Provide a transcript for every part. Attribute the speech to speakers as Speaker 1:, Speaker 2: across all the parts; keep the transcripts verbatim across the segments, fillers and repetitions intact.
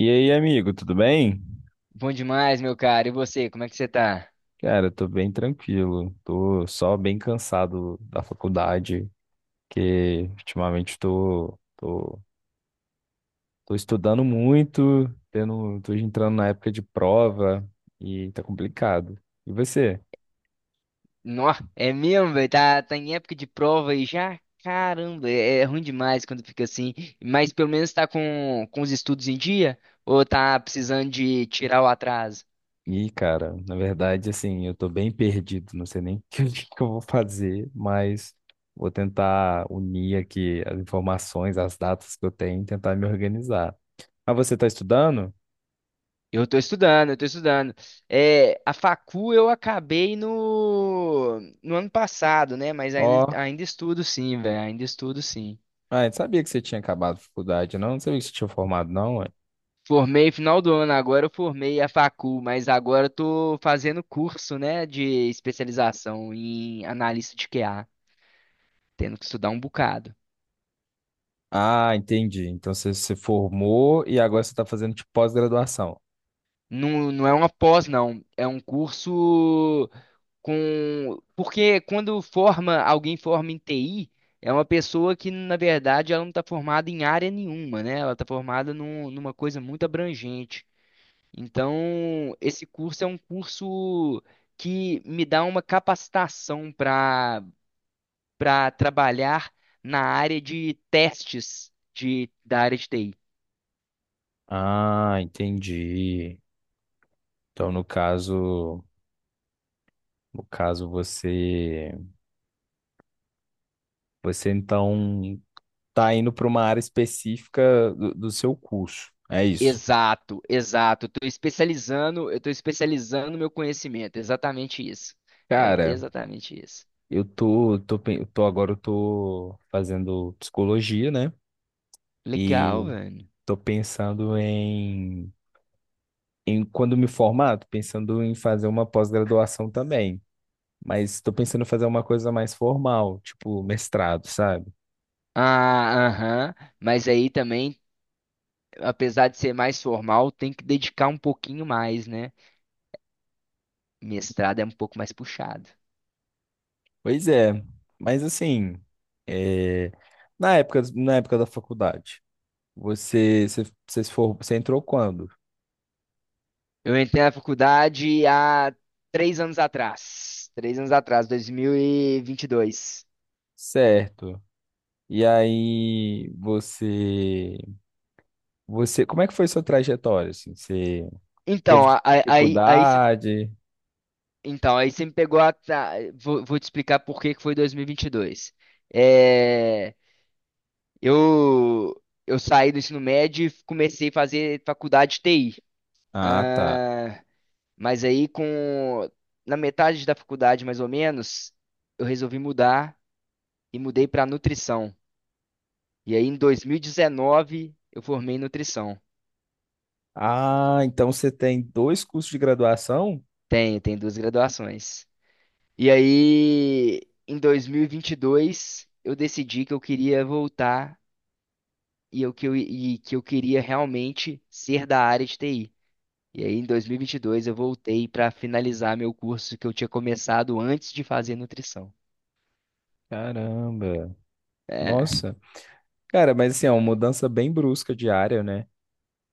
Speaker 1: E aí, amigo, tudo bem?
Speaker 2: Bom demais, meu cara. E você, como é que você tá?
Speaker 1: Cara, eu tô bem tranquilo. Tô só bem cansado da faculdade, que ultimamente tô, tô, tô estudando muito, tendo, tô entrando na época de prova e tá complicado. E você?
Speaker 2: Nó, é mesmo, velho. Tá, tá em época de prova e já, caramba, é, é ruim demais quando fica assim. Mas pelo menos tá com, com os estudos em dia? Ou tá precisando de tirar o atraso?
Speaker 1: E, cara, na verdade, assim, eu tô bem perdido, não sei nem o que, que eu vou fazer, mas vou tentar unir aqui as informações, as datas que eu tenho e tentar me organizar. Ah, você tá estudando?
Speaker 2: Eu tô estudando, eu tô estudando. É, a facu eu acabei no, no ano passado, né? Mas ainda,
Speaker 1: Ó,
Speaker 2: ainda estudo sim, velho. Ainda estudo sim.
Speaker 1: ah, eu sabia que você tinha acabado a faculdade, não? Não sabia que você tinha formado, não, ué.
Speaker 2: Formei final do ano agora, eu formei a facu mas agora eu tô fazendo curso, né, de especialização em analista de Q A, tendo que estudar um bocado.
Speaker 1: Ah, entendi. Então você se formou e agora você está fazendo tipo pós-graduação.
Speaker 2: Não, não é uma pós, não. É um curso com. Porque quando forma, alguém forma em T I, é uma pessoa que, na verdade, ela não está formada em área nenhuma, né? Ela está formada num- numa coisa muito abrangente. Então, esse curso é um curso que me dá uma capacitação para para trabalhar na área de testes de, da área de T I.
Speaker 1: Ah, entendi. Então no caso, no caso você, você então tá indo para uma área específica do, do seu curso. É isso.
Speaker 2: Exato, exato. Estou especializando, eu estou especializando meu conhecimento. Exatamente isso. É
Speaker 1: Cara,
Speaker 2: exatamente isso.
Speaker 1: eu tô, tô, pen- eu tô agora eu tô fazendo psicologia, né?
Speaker 2: Legal,
Speaker 1: E
Speaker 2: velho.
Speaker 1: tô pensando em em- quando me formar, tô pensando em fazer uma pós-graduação também, mas estou pensando em fazer uma coisa mais formal, tipo mestrado, sabe?
Speaker 2: Ah, aham. Mas aí também, apesar de ser mais formal, tem que dedicar um pouquinho mais, né? Mestrado é um pouco mais puxado.
Speaker 1: Pois é, mas assim, é, na época, na época da faculdade, você, você, você, se for, você entrou quando?
Speaker 2: Eu entrei na faculdade há três anos atrás. Três anos atrás, dois mil e e vinte e dois.
Speaker 1: Certo. E aí, você, você, como é que foi sua trajetória, assim? Você
Speaker 2: Então,
Speaker 1: teve
Speaker 2: a- a- aí, aí, você,
Speaker 1: dificuldade?
Speaker 2: então, aí você me pegou a. Tá, vou, vou te explicar por que que foi dois mil e vinte e dois. É, eu, eu saí do ensino médio e comecei a fazer faculdade de T I.
Speaker 1: Ah, tá.
Speaker 2: Ah, mas aí, com, na metade da faculdade, mais ou menos, eu resolvi mudar e mudei para nutrição. E aí, em dois mil e dezenove, eu formei em nutrição.
Speaker 1: Ah, então você tem dois cursos de graduação?
Speaker 2: Tenho, tenho duas graduações. E aí, em dois mil e vinte e dois, eu decidi que eu queria voltar e, eu, que, eu, e que eu queria realmente ser da área de T I. E aí, em dois mil e vinte e dois, eu voltei para finalizar meu curso que eu tinha começado antes de fazer nutrição.
Speaker 1: Caramba.
Speaker 2: É,
Speaker 1: Nossa. Cara, mas assim, é uma mudança bem brusca de área, né?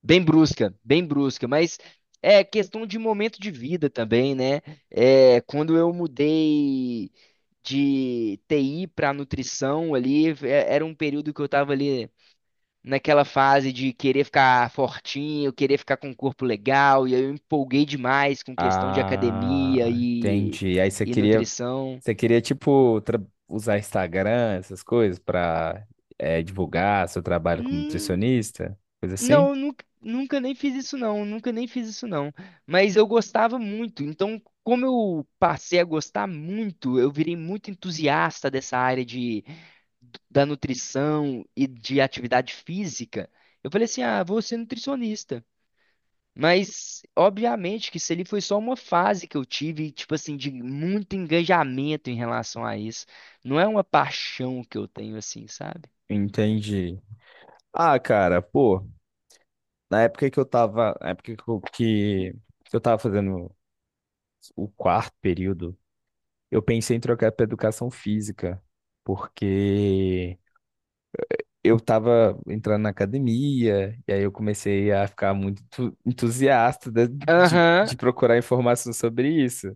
Speaker 2: bem brusca, bem brusca, mas é questão de momento de vida também, né? É, quando eu mudei de T I para nutrição ali, é- era um período que eu estava ali. Naquela fase de querer ficar fortinho, querer ficar com um corpo legal, e aí eu empolguei demais com questão de academia
Speaker 1: Ah,
Speaker 2: e,
Speaker 1: entendi. Aí você
Speaker 2: e
Speaker 1: queria,
Speaker 2: nutrição.
Speaker 1: você queria tipo tra- usar Instagram, essas coisas pra eh, divulgar seu trabalho como
Speaker 2: Hum,
Speaker 1: nutricionista, coisa assim?
Speaker 2: não, nunca, nunca nem fiz isso não, nunca nem fiz isso não. Mas eu gostava muito, então como eu passei a gostar muito, eu virei muito entusiasta dessa área de, da nutrição e de atividade física. Eu falei assim, ah, vou ser nutricionista. Mas, obviamente, que isso ali foi só uma fase que eu tive, tipo assim, de muito engajamento em relação a isso. Não é uma paixão que eu tenho, assim, sabe?
Speaker 1: Entendi. Ah, cara, pô, na época que eu tava, na época que eu, que que eu tava fazendo o quarto período, eu pensei em trocar pra educação física, porque eu tava entrando na academia, e aí eu comecei a ficar muito entu- entusiasta de, de,
Speaker 2: Aham,
Speaker 1: de procurar informação sobre isso.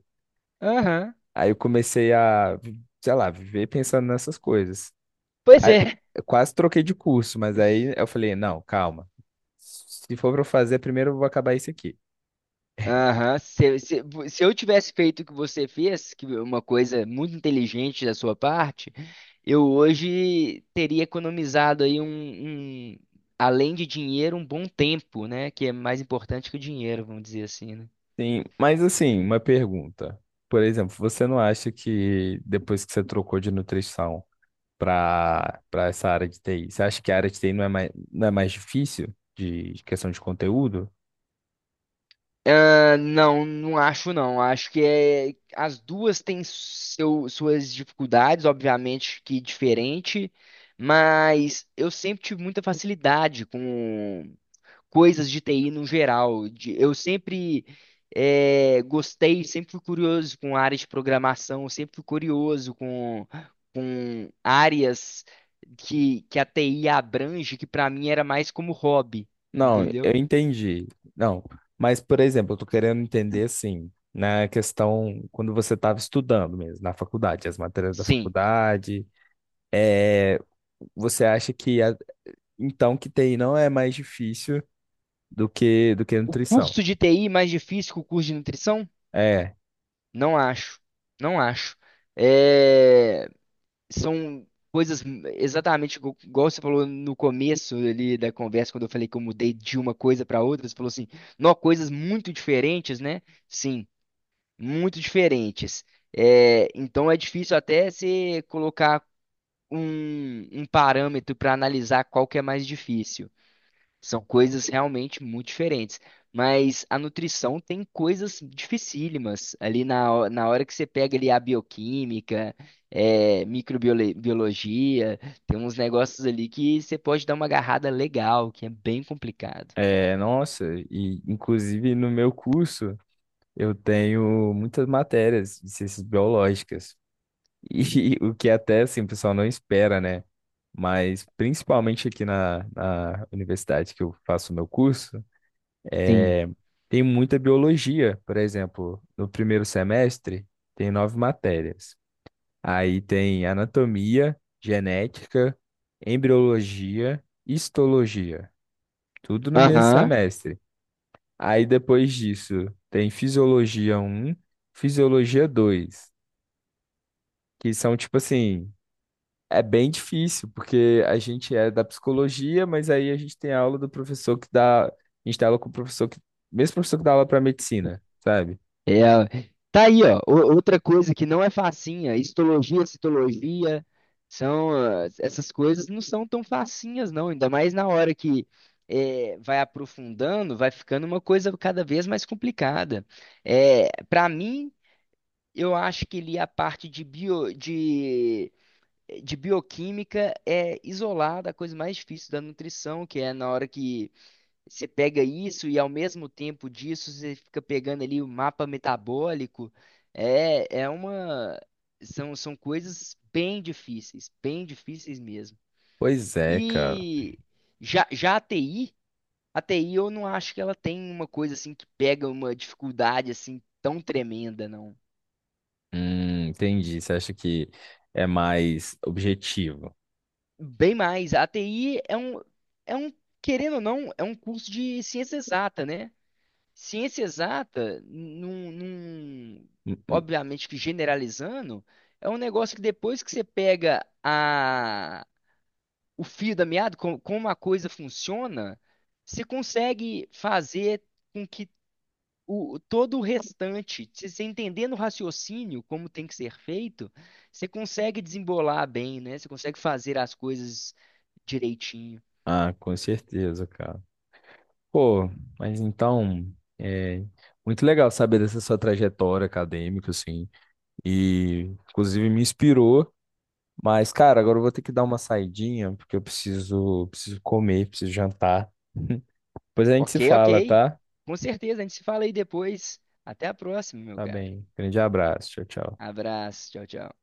Speaker 2: aham.
Speaker 1: Aí eu comecei a, sei lá, viver pensando nessas coisas.
Speaker 2: Pois
Speaker 1: Aí,
Speaker 2: é.
Speaker 1: eu quase troquei de curso, mas aí eu falei, não, calma. Se for para eu fazer, primeiro eu vou acabar isso aqui.
Speaker 2: Aham. Se, se, se eu tivesse feito o que você fez, que é uma coisa muito inteligente da sua parte, eu hoje teria economizado aí um, um, além de dinheiro, um bom tempo, né? Que é mais importante que o dinheiro, vamos dizer assim, né?
Speaker 1: Sim, mas assim, uma pergunta. Por exemplo, você não acha que depois que você trocou de nutrição, para para essa área de T I? Você acha que a área de T I não é mais, não é mais difícil de de questão de conteúdo?
Speaker 2: Ah, não, não acho não. Acho que é, as duas têm seu- suas dificuldades, obviamente que diferente, mas eu sempre tive muita facilidade com coisas de T I no geral. De- eu sempre eh, gostei, sempre fui curioso com áreas de programação, sempre fui curioso com, com áreas que, que a T I abrange, que para mim era mais como hobby,
Speaker 1: Não, eu
Speaker 2: entendeu?
Speaker 1: entendi. Não, mas, por exemplo, eu tô querendo entender assim, na questão quando você estava estudando mesmo, na faculdade, as matérias da
Speaker 2: Sim.
Speaker 1: faculdade, é, você acha que a- então que T I não é mais difícil do que do que
Speaker 2: O
Speaker 1: nutrição?
Speaker 2: curso de T I mais difícil que o curso de nutrição?
Speaker 1: É,
Speaker 2: Não acho. Não acho. É, são coisas exatamente igu- igual você falou no começo ali da conversa, quando eu falei que eu mudei de uma coisa para outra. Você falou assim, não, coisas muito diferentes, né? Sim, muito diferentes. É, então é difícil até você colocar um, um parâmetro para analisar qual que é mais difícil. São coisas realmente muito diferentes. Mas a nutrição tem coisas dificílimas ali na, ho- na hora que você pega ali a bioquímica, é, microbiologia, tem uns negócios ali que você pode dar uma agarrada legal, que é bem complicado.
Speaker 1: é, nossa, e inclusive no meu curso eu tenho muitas matérias de ciências biológicas. E o que até assim, o pessoal não espera, né? Mas principalmente aqui na, na universidade que eu faço o meu curso,
Speaker 2: Sim.
Speaker 1: é, tem muita biologia. Por exemplo, no primeiro semestre tem nove matérias. Aí tem anatomia, genética, embriologia, histologia. Tudo no mesmo
Speaker 2: Aham.
Speaker 1: semestre. Aí depois disso tem fisiologia um, fisiologia dois, que são tipo assim, é bem difícil, porque a gente é da psicologia, mas aí a gente tem aula do professor que dá, a gente tem aula com o professor que, mesmo professor que dá aula para medicina, sabe?
Speaker 2: É, tá aí, ó. o- Outra coisa que não é facinha, histologia, citologia, são ah, essas coisas não são tão facinhas, não. Ainda mais na hora que é, vai aprofundando, vai ficando uma coisa cada vez mais complicada. É, para mim, eu acho que ali a parte de bio, de, de bioquímica é isolada, a coisa mais difícil da nutrição, que é na hora que você pega isso e ao mesmo tempo disso você fica pegando ali o mapa metabólico. É, é uma. São, são coisas bem difíceis, bem difíceis mesmo.
Speaker 1: Pois é, cara.
Speaker 2: E já, já a T I, a T I eu não acho que ela tem uma coisa assim que pega uma dificuldade assim tão tremenda, não.
Speaker 1: Hum, entendi. Você acha que é mais objetivo?
Speaker 2: Bem mais, a T I é um, é um, querendo ou não, é um curso de ciência exata, né? Ciência exata, num, num-
Speaker 1: Hum, hum.
Speaker 2: obviamente que generalizando, é um negócio que depois que você pega a, o fio da meada, co- como a coisa funciona, você consegue fazer com que o, todo o restante, se você entendendo o raciocínio, como tem que ser feito, você consegue desembolar bem, né? Você consegue fazer as coisas direitinho.
Speaker 1: Ah, com certeza, cara. Pô, mas então, é muito legal saber dessa sua trajetória acadêmica, assim, e inclusive me inspirou. Mas, cara, agora eu vou ter que dar uma saidinha, porque eu preciso, preciso comer, preciso jantar. Depois a gente se
Speaker 2: Ok,
Speaker 1: fala,
Speaker 2: ok.
Speaker 1: tá?
Speaker 2: Com certeza, a gente se fala aí depois. Até a próxima, meu
Speaker 1: Tá
Speaker 2: cara.
Speaker 1: bem. Grande abraço. Tchau, tchau.
Speaker 2: Abraço, tchau, tchau.